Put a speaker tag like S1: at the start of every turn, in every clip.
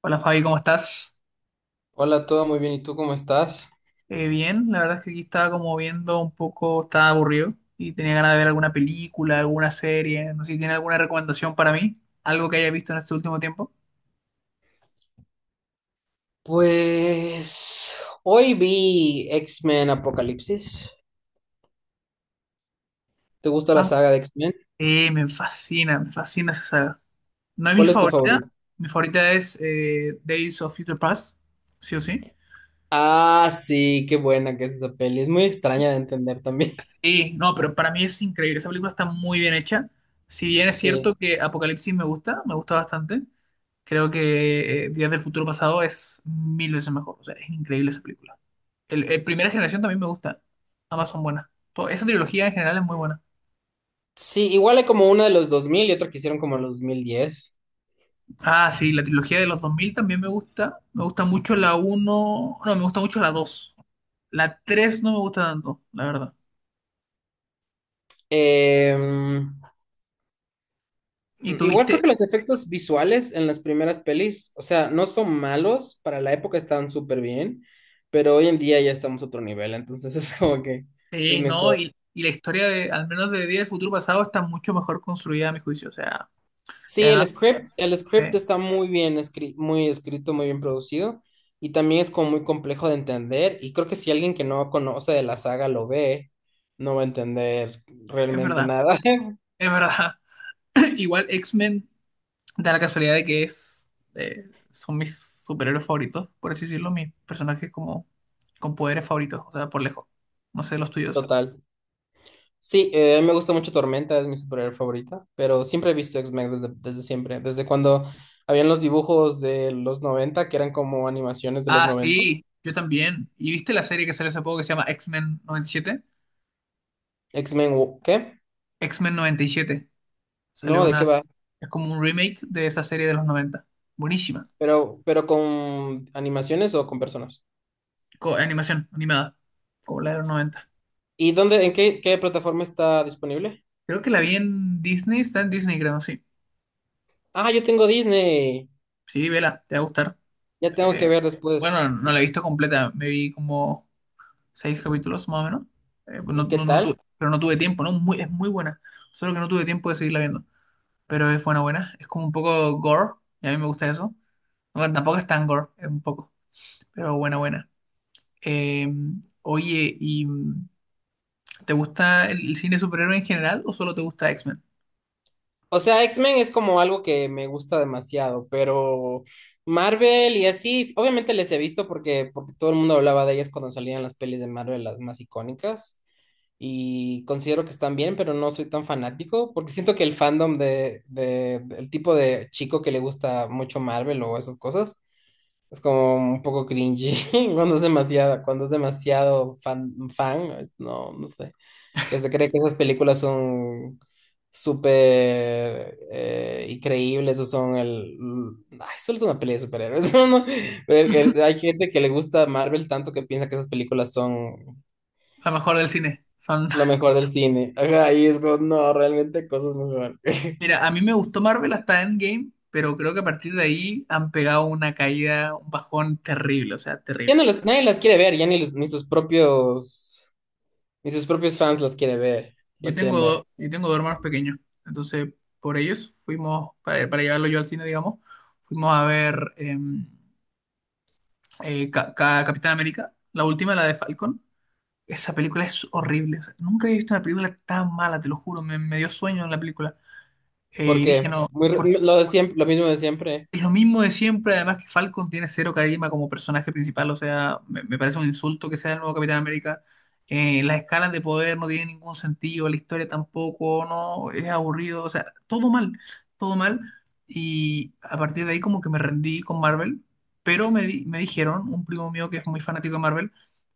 S1: Hola Fabi, ¿cómo estás?
S2: Hola, todo muy bien. ¿Y tú cómo estás?
S1: Bien, la verdad es que aquí estaba como viendo un poco, estaba aburrido y tenía ganas de ver alguna película, alguna serie, no sé si tiene alguna recomendación para mí, algo que haya visto en este último tiempo.
S2: Pues hoy vi X-Men Apocalipsis. ¿Te gusta la
S1: Ah,
S2: saga de X-Men?
S1: me fascina esa saga. No es
S2: ¿Cuál es tu favorito?
S1: mi favorita es Days of Future Past, sí o sí.
S2: Ah, sí, qué buena que es esa peli. Es muy extraña de entender también.
S1: Sí, no, pero para mí es increíble. Esa película está muy bien hecha. Si bien es
S2: Sí.
S1: cierto que Apocalipsis me gusta bastante, creo que Días del Futuro Pasado es mil veces mejor. O sea, es increíble esa película. El Primera Generación también me gusta. Ambas son buenas. Esa trilogía en general es muy buena.
S2: Sí, igual hay como una de los 2000 y otra que hicieron como en los 2010.
S1: Ah, sí, la trilogía de los 2000 también me gusta. Me gusta mucho la uno. No, me gusta mucho la dos. La 3 no me gusta tanto, la verdad.
S2: Em,
S1: ¿Y
S2: Igual creo
S1: tuviste?
S2: que los efectos visuales en las primeras pelis, o sea, no son malos. Para la época estaban súper bien, pero hoy en día ya estamos a otro nivel. Entonces es como que es
S1: Sí, no,
S2: mejor.
S1: y la historia de, al menos de Día del Futuro Pasado, está mucho mejor construida a mi juicio. O sea, y
S2: Sí,
S1: además,
S2: el script
S1: eh,
S2: está muy bien escri- muy escrito, muy bien producido y también es como muy complejo de entender y creo que si alguien que no conoce de la saga lo ve, no va a entender
S1: es
S2: realmente
S1: verdad,
S2: nada.
S1: es verdad. Igual X-Men da la casualidad de que es, son mis superhéroes favoritos, por así decirlo, mis personajes como con poderes favoritos, o sea, por lejos. No sé, los tuyos.
S2: Total. Sí, a mí me gusta mucho Tormenta, es mi superhéroe favorita, pero siempre he visto X-Men desde siempre, desde cuando habían los dibujos de los noventa que eran como animaciones de los
S1: Ah,
S2: 90.
S1: sí, yo también. ¿Y viste la serie que salió hace poco que se llama X-Men 97?
S2: X-Men, ¿qué?
S1: X-Men 97. Salió
S2: No, ¿de qué
S1: una.
S2: va?
S1: Es como un remake de esa serie de los 90. Buenísima.
S2: Pero con animaciones o con personas.
S1: Animación animada, como la de los 90.
S2: ¿Y dónde, qué plataforma está disponible?
S1: Creo que la vi en Disney, está en Disney, creo, sí.
S2: Ah, yo tengo Disney.
S1: Sí, vela, te va a gustar.
S2: Ya tengo que ver después.
S1: Bueno, no la he visto completa, me vi como seis capítulos más o menos.
S2: ¿Y qué tal?
S1: Pero no tuve tiempo, ¿no? Muy, es muy buena, solo que no tuve tiempo de seguirla viendo. Pero es buena, buena. Es como un poco gore, y a mí me gusta eso. Bueno, tampoco es tan gore, es un poco, pero buena, buena. Eh, oye, ¿y te gusta el cine superhéroe en general o solo te gusta X-Men?
S2: O sea, X-Men es como algo que me gusta demasiado, pero Marvel y así, obviamente les he visto porque todo el mundo hablaba de ellas cuando salían las pelis de Marvel, las más icónicas, y considero que están bien, pero no soy tan fanático, porque siento que el fandom del tipo de chico que le gusta mucho Marvel o esas cosas, es como un poco cringy cuando es demasiado fan, no, no sé, que se cree que esas películas son súper increíbles o son el... Ay, solo es una peli de superhéroes, eso no- pero hay gente que le gusta Marvel tanto que piensa que esas películas son
S1: La mejor del cine, son.
S2: lo mejor del cine. Ajá, y es como, no, realmente cosas mejor.
S1: Mira, a mí me gustó Marvel hasta Endgame, pero creo que a partir de ahí han pegado una caída, un bajón terrible, o sea,
S2: Ya no
S1: terrible.
S2: las- nadie las quiere ver, ya ni, los- ni sus propios fans las quiere ver,
S1: Yo
S2: las
S1: tengo,
S2: quieren ver.
S1: do- yo tengo dos hermanos pequeños, entonces por ellos fuimos, para llevarlo yo al cine, digamos, fuimos a ver Capitán América, la última, la de Falcon. Esa película es horrible, o sea, nunca he visto una película tan mala, te lo juro, me dio sueño en la película. Y dije,
S2: Porque
S1: no,
S2: muy, re-
S1: ¿por
S2: lo de siempre, lo mismo de siempre.
S1: Es lo mismo de siempre, además que Falcon tiene cero carisma como personaje principal, o sea, me parece un insulto que sea el nuevo Capitán América. Las escalas de poder no tienen ningún sentido, la historia tampoco, no, es aburrido, o sea, todo mal, todo mal. Y a partir de ahí como que me rendí con Marvel, pero me dijeron, un primo mío que es muy fanático de Marvel,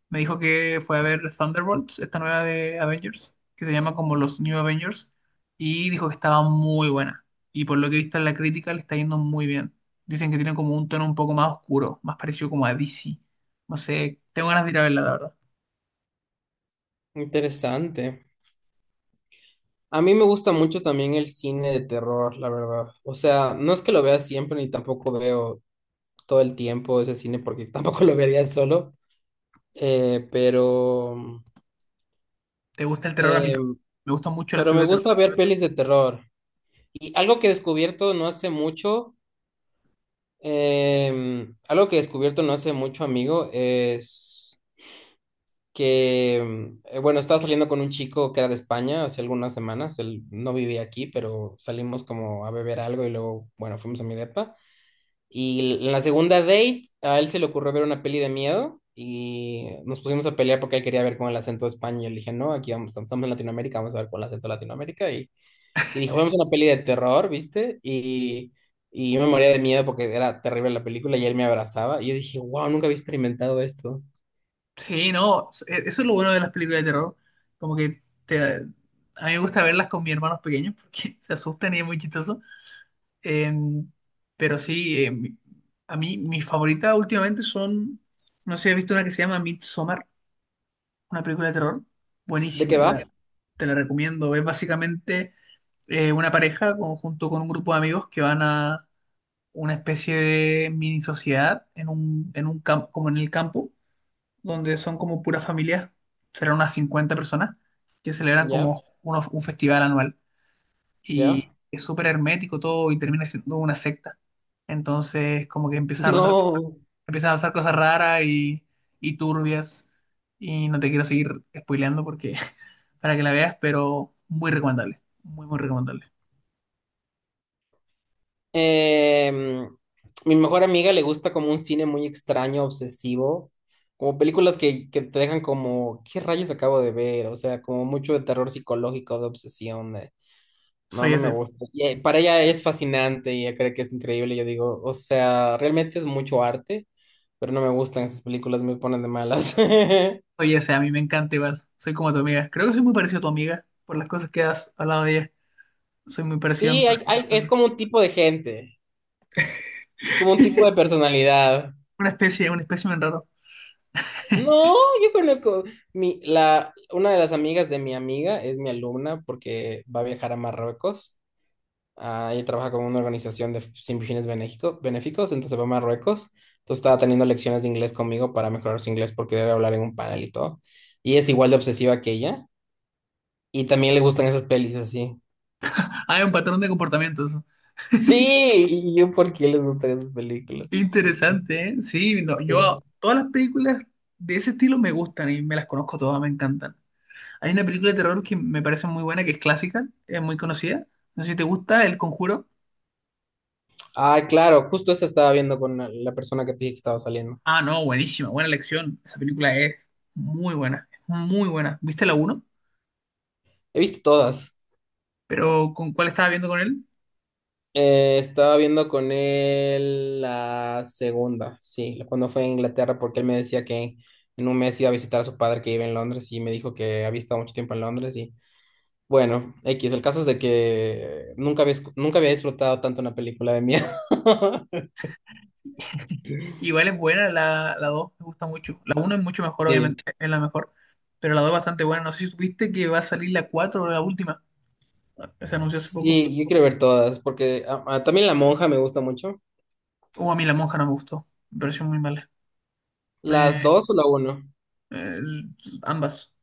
S1: me dijo que fue a ver Thunderbolts, esta nueva de Avengers, que se llama como los New Avengers, y dijo que estaba muy buena y por lo que he visto en la crítica le está yendo muy bien. Dicen que tiene como un tono un poco más oscuro, más parecido como a DC. No sé, tengo ganas de ir a verla, la verdad.
S2: Interesante. A mí me gusta mucho también el cine de terror, la verdad. O sea, no es que lo vea siempre ni tampoco veo todo el tiempo ese cine porque tampoco lo vería solo. Eh, pero,
S1: ¿Te gusta el terror? A mí
S2: eh,
S1: también. Me gustan mucho las
S2: pero me
S1: películas de terror.
S2: gusta ver pelis de terror. Y algo que he descubierto no hace mucho, algo que he descubierto no hace mucho, amigo, es que, bueno, estaba saliendo con un chico que era de España hace algunas semanas, él no vivía aquí, pero salimos como a beber algo y luego, bueno, fuimos a mi depa. Y en la segunda date, a él se le ocurrió ver una peli de miedo y nos pusimos a pelear porque él quería ver con el acento de España. Y yo le dije, no, aquí vamos, estamos en Latinoamérica, vamos a ver con el acento de Latinoamérica. Y dijo, vemos una peli de terror, ¿viste? Y yo me moría de miedo porque era terrible la película y él me abrazaba. Y yo dije, wow, nunca había experimentado esto.
S1: Sí, no, eso es lo bueno de las películas de terror. Como que te, a mí me gusta verlas con mis hermanos pequeños porque se asustan y es muy chistoso. Eh, pero sí, a mí mis favoritas últimamente son, no sé, he visto una que se llama Midsommar, una película de terror.
S2: ¿De qué
S1: Buenísima, te la,
S2: va?
S1: te la recomiendo. Es básicamente una pareja junto con un grupo de amigos que van a una especie de mini sociedad en un, campo, como en el campo, donde son como puras familias, serán unas 50 personas, que celebran
S2: ¿Ya?
S1: como un festival anual. Y
S2: ¿Ya?
S1: es súper hermético todo y termina siendo una secta. Entonces, como que empiezan a pasar,
S2: No,
S1: empiezan a pasar cosas raras y turbias. Y no te quiero seguir spoileando porque para que la veas, pero muy recomendable. Muy, muy recomendable.
S2: em, mi mejor amiga le gusta como un cine muy extraño, obsesivo, como películas que te dejan como, ¿qué rayos acabo de ver? O sea, como mucho de terror psicológico, de obsesión, de, no,
S1: Soy
S2: no me
S1: ese.
S2: gusta. Y, para ella es fascinante y ella cree que es increíble, yo digo, o sea, realmente es mucho arte, pero no me gustan esas películas, me ponen de malas.
S1: Oye, ese a mí me encanta igual. Soy como tu amiga. Creo que soy muy parecido a tu amiga por las cosas que has hablado de ella. Soy muy parecido en
S2: Sí, es
S1: persona.
S2: como un tipo de gente, es como un tipo de personalidad.
S1: Una especie, un espécimen raro.
S2: No, yo conozco una de las amigas de mi amiga es mi alumna porque va a viajar a Marruecos. Ah, ella trabaja con una organización de sin fines benéfico- benéficos, entonces va a Marruecos. Entonces estaba teniendo lecciones de inglés conmigo para mejorar su inglés porque debe hablar en un panel y todo. Y es igual de obsesiva que ella. Y también le gustan esas pelis así.
S1: Ah, es un patrón de comportamientos.
S2: Sí, y yo por qué les gustan esas películas.
S1: Interesante, ¿eh? Sí, no, yo
S2: Sí.
S1: todas las películas de ese estilo me gustan y me las conozco todas, me encantan. Hay una película de terror que me parece muy buena, que es clásica, es muy conocida. No sé si te gusta El Conjuro.
S2: Ah, claro, justo esta estaba viendo con la persona que te dije que estaba saliendo.
S1: Ah, no, buenísima, buena elección. Esa película es muy buena, es muy buena. ¿Viste la uno?
S2: He visto todas.
S1: Pero ¿con cuál estaba viendo con él?
S2: Estaba viendo con él la segunda, sí, la- cuando fue a Inglaterra, porque él me decía que en un mes iba a visitar a su padre que vive en Londres y me dijo que había estado mucho tiempo en Londres y bueno, X, el caso es de que nunca había, escu- nunca había disfrutado tanto una película de miedo.
S1: Igual es buena la 2 me gusta mucho. La 1 es mucho mejor,
S2: Sí,
S1: obviamente, es la mejor. Pero la 2 es bastante buena. No sé si supiste que va a salir la 4 o la última. Se anunció hace poco.
S2: sí, yo quiero ver todas, porque ah, ah, también La Monja me gusta mucho.
S1: O a mí la monja no me gustó. Me pareció muy mala.
S2: ¿Las
S1: Me-
S2: dos o la uno?
S1: eh, ambas.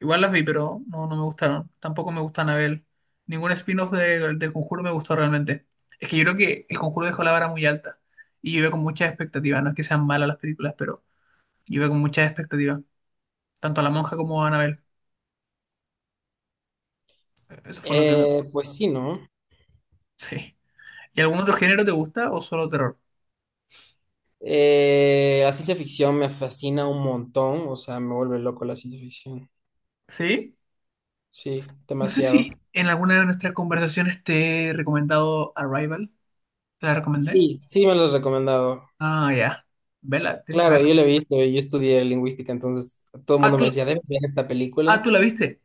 S1: Igual las vi, pero no, no me gustaron. Tampoco me gusta Anabel. Ningún spin-off del Conjuro me gustó realmente. Es que yo creo que el Conjuro dejó la vara muy alta. Y yo iba con muchas expectativas. No es que sean malas las películas, pero yo iba con muchas expectativas. Tanto a la monja como a Anabel. Eso fue lo que me.
S2: Pues sí, ¿no?
S1: Sí. ¿Y algún otro género te gusta o solo terror?
S2: La ciencia ficción me fascina un montón, o sea, me vuelve loco la ciencia ficción.
S1: ¿Sí?
S2: Sí,
S1: No sé
S2: demasiado.
S1: si en alguna de nuestras conversaciones te he recomendado Arrival. ¿Te la recomendé?
S2: Sí, sí me lo has recomendado.
S1: Ah, ya. Vela, tienes que
S2: Claro,
S1: verla.
S2: yo la he visto, yo estudié lingüística, entonces todo el
S1: Ah,
S2: mundo me
S1: tú,
S2: decía, debes ver esta
S1: ah,
S2: película.
S1: tú la viste.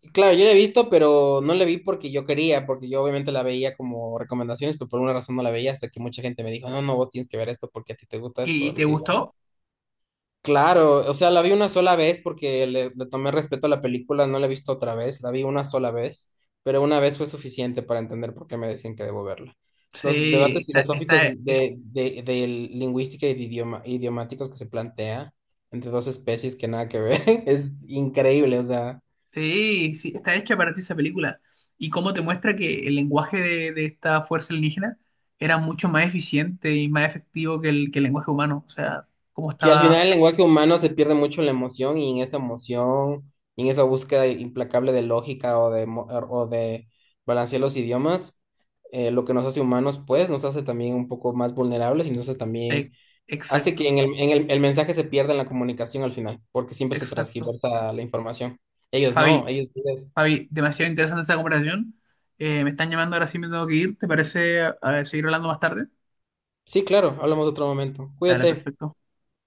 S2: Y claro, yo la he visto, pero no la vi porque yo quería, porque yo obviamente la veía como recomendaciones, pero por una razón no la veía hasta que mucha gente me dijo, no, no, vos tienes que ver esto porque a ti te gusta esto
S1: ¿Y
S2: de
S1: te
S2: los
S1: gustó?
S2: idiomas. Claro, o sea, la vi una sola vez porque le tomé respeto a la película, no la he visto otra vez, la vi una sola vez, pero una vez fue suficiente para entender por qué me decían que debo verla. Los debates
S1: Sí,
S2: filosóficos de lingüística y de idioma, idiomáticos que se plantea entre dos especies que nada que ver, es increíble, o sea,
S1: sí, sí, está hecha para ti esa película. ¿Y cómo te muestra que el lenguaje de esta fuerza alienígena era mucho más eficiente y más efectivo que el, lenguaje humano? O sea, cómo
S2: que al
S1: estaba.
S2: final el lenguaje humano se pierde mucho la emoción y en esa emoción, y en esa búsqueda implacable de lógica o de, o de balancear los idiomas, lo que nos hace humanos, pues nos hace también un poco más vulnerables y nos hace
S1: eh,
S2: también, hace
S1: exacto,
S2: que en el mensaje se pierda en la comunicación al final, porque siempre se
S1: exacto.
S2: transgiversa la información. Ellos
S1: Fabi,
S2: no, ellos... ellos-
S1: Javi, demasiado interesante esta conversación. Me están llamando, ahora sí me tengo que ir. ¿Te parece seguir hablando más tarde?
S2: Sí, claro, hablamos de otro momento.
S1: Dale,
S2: Cuídate.
S1: perfecto.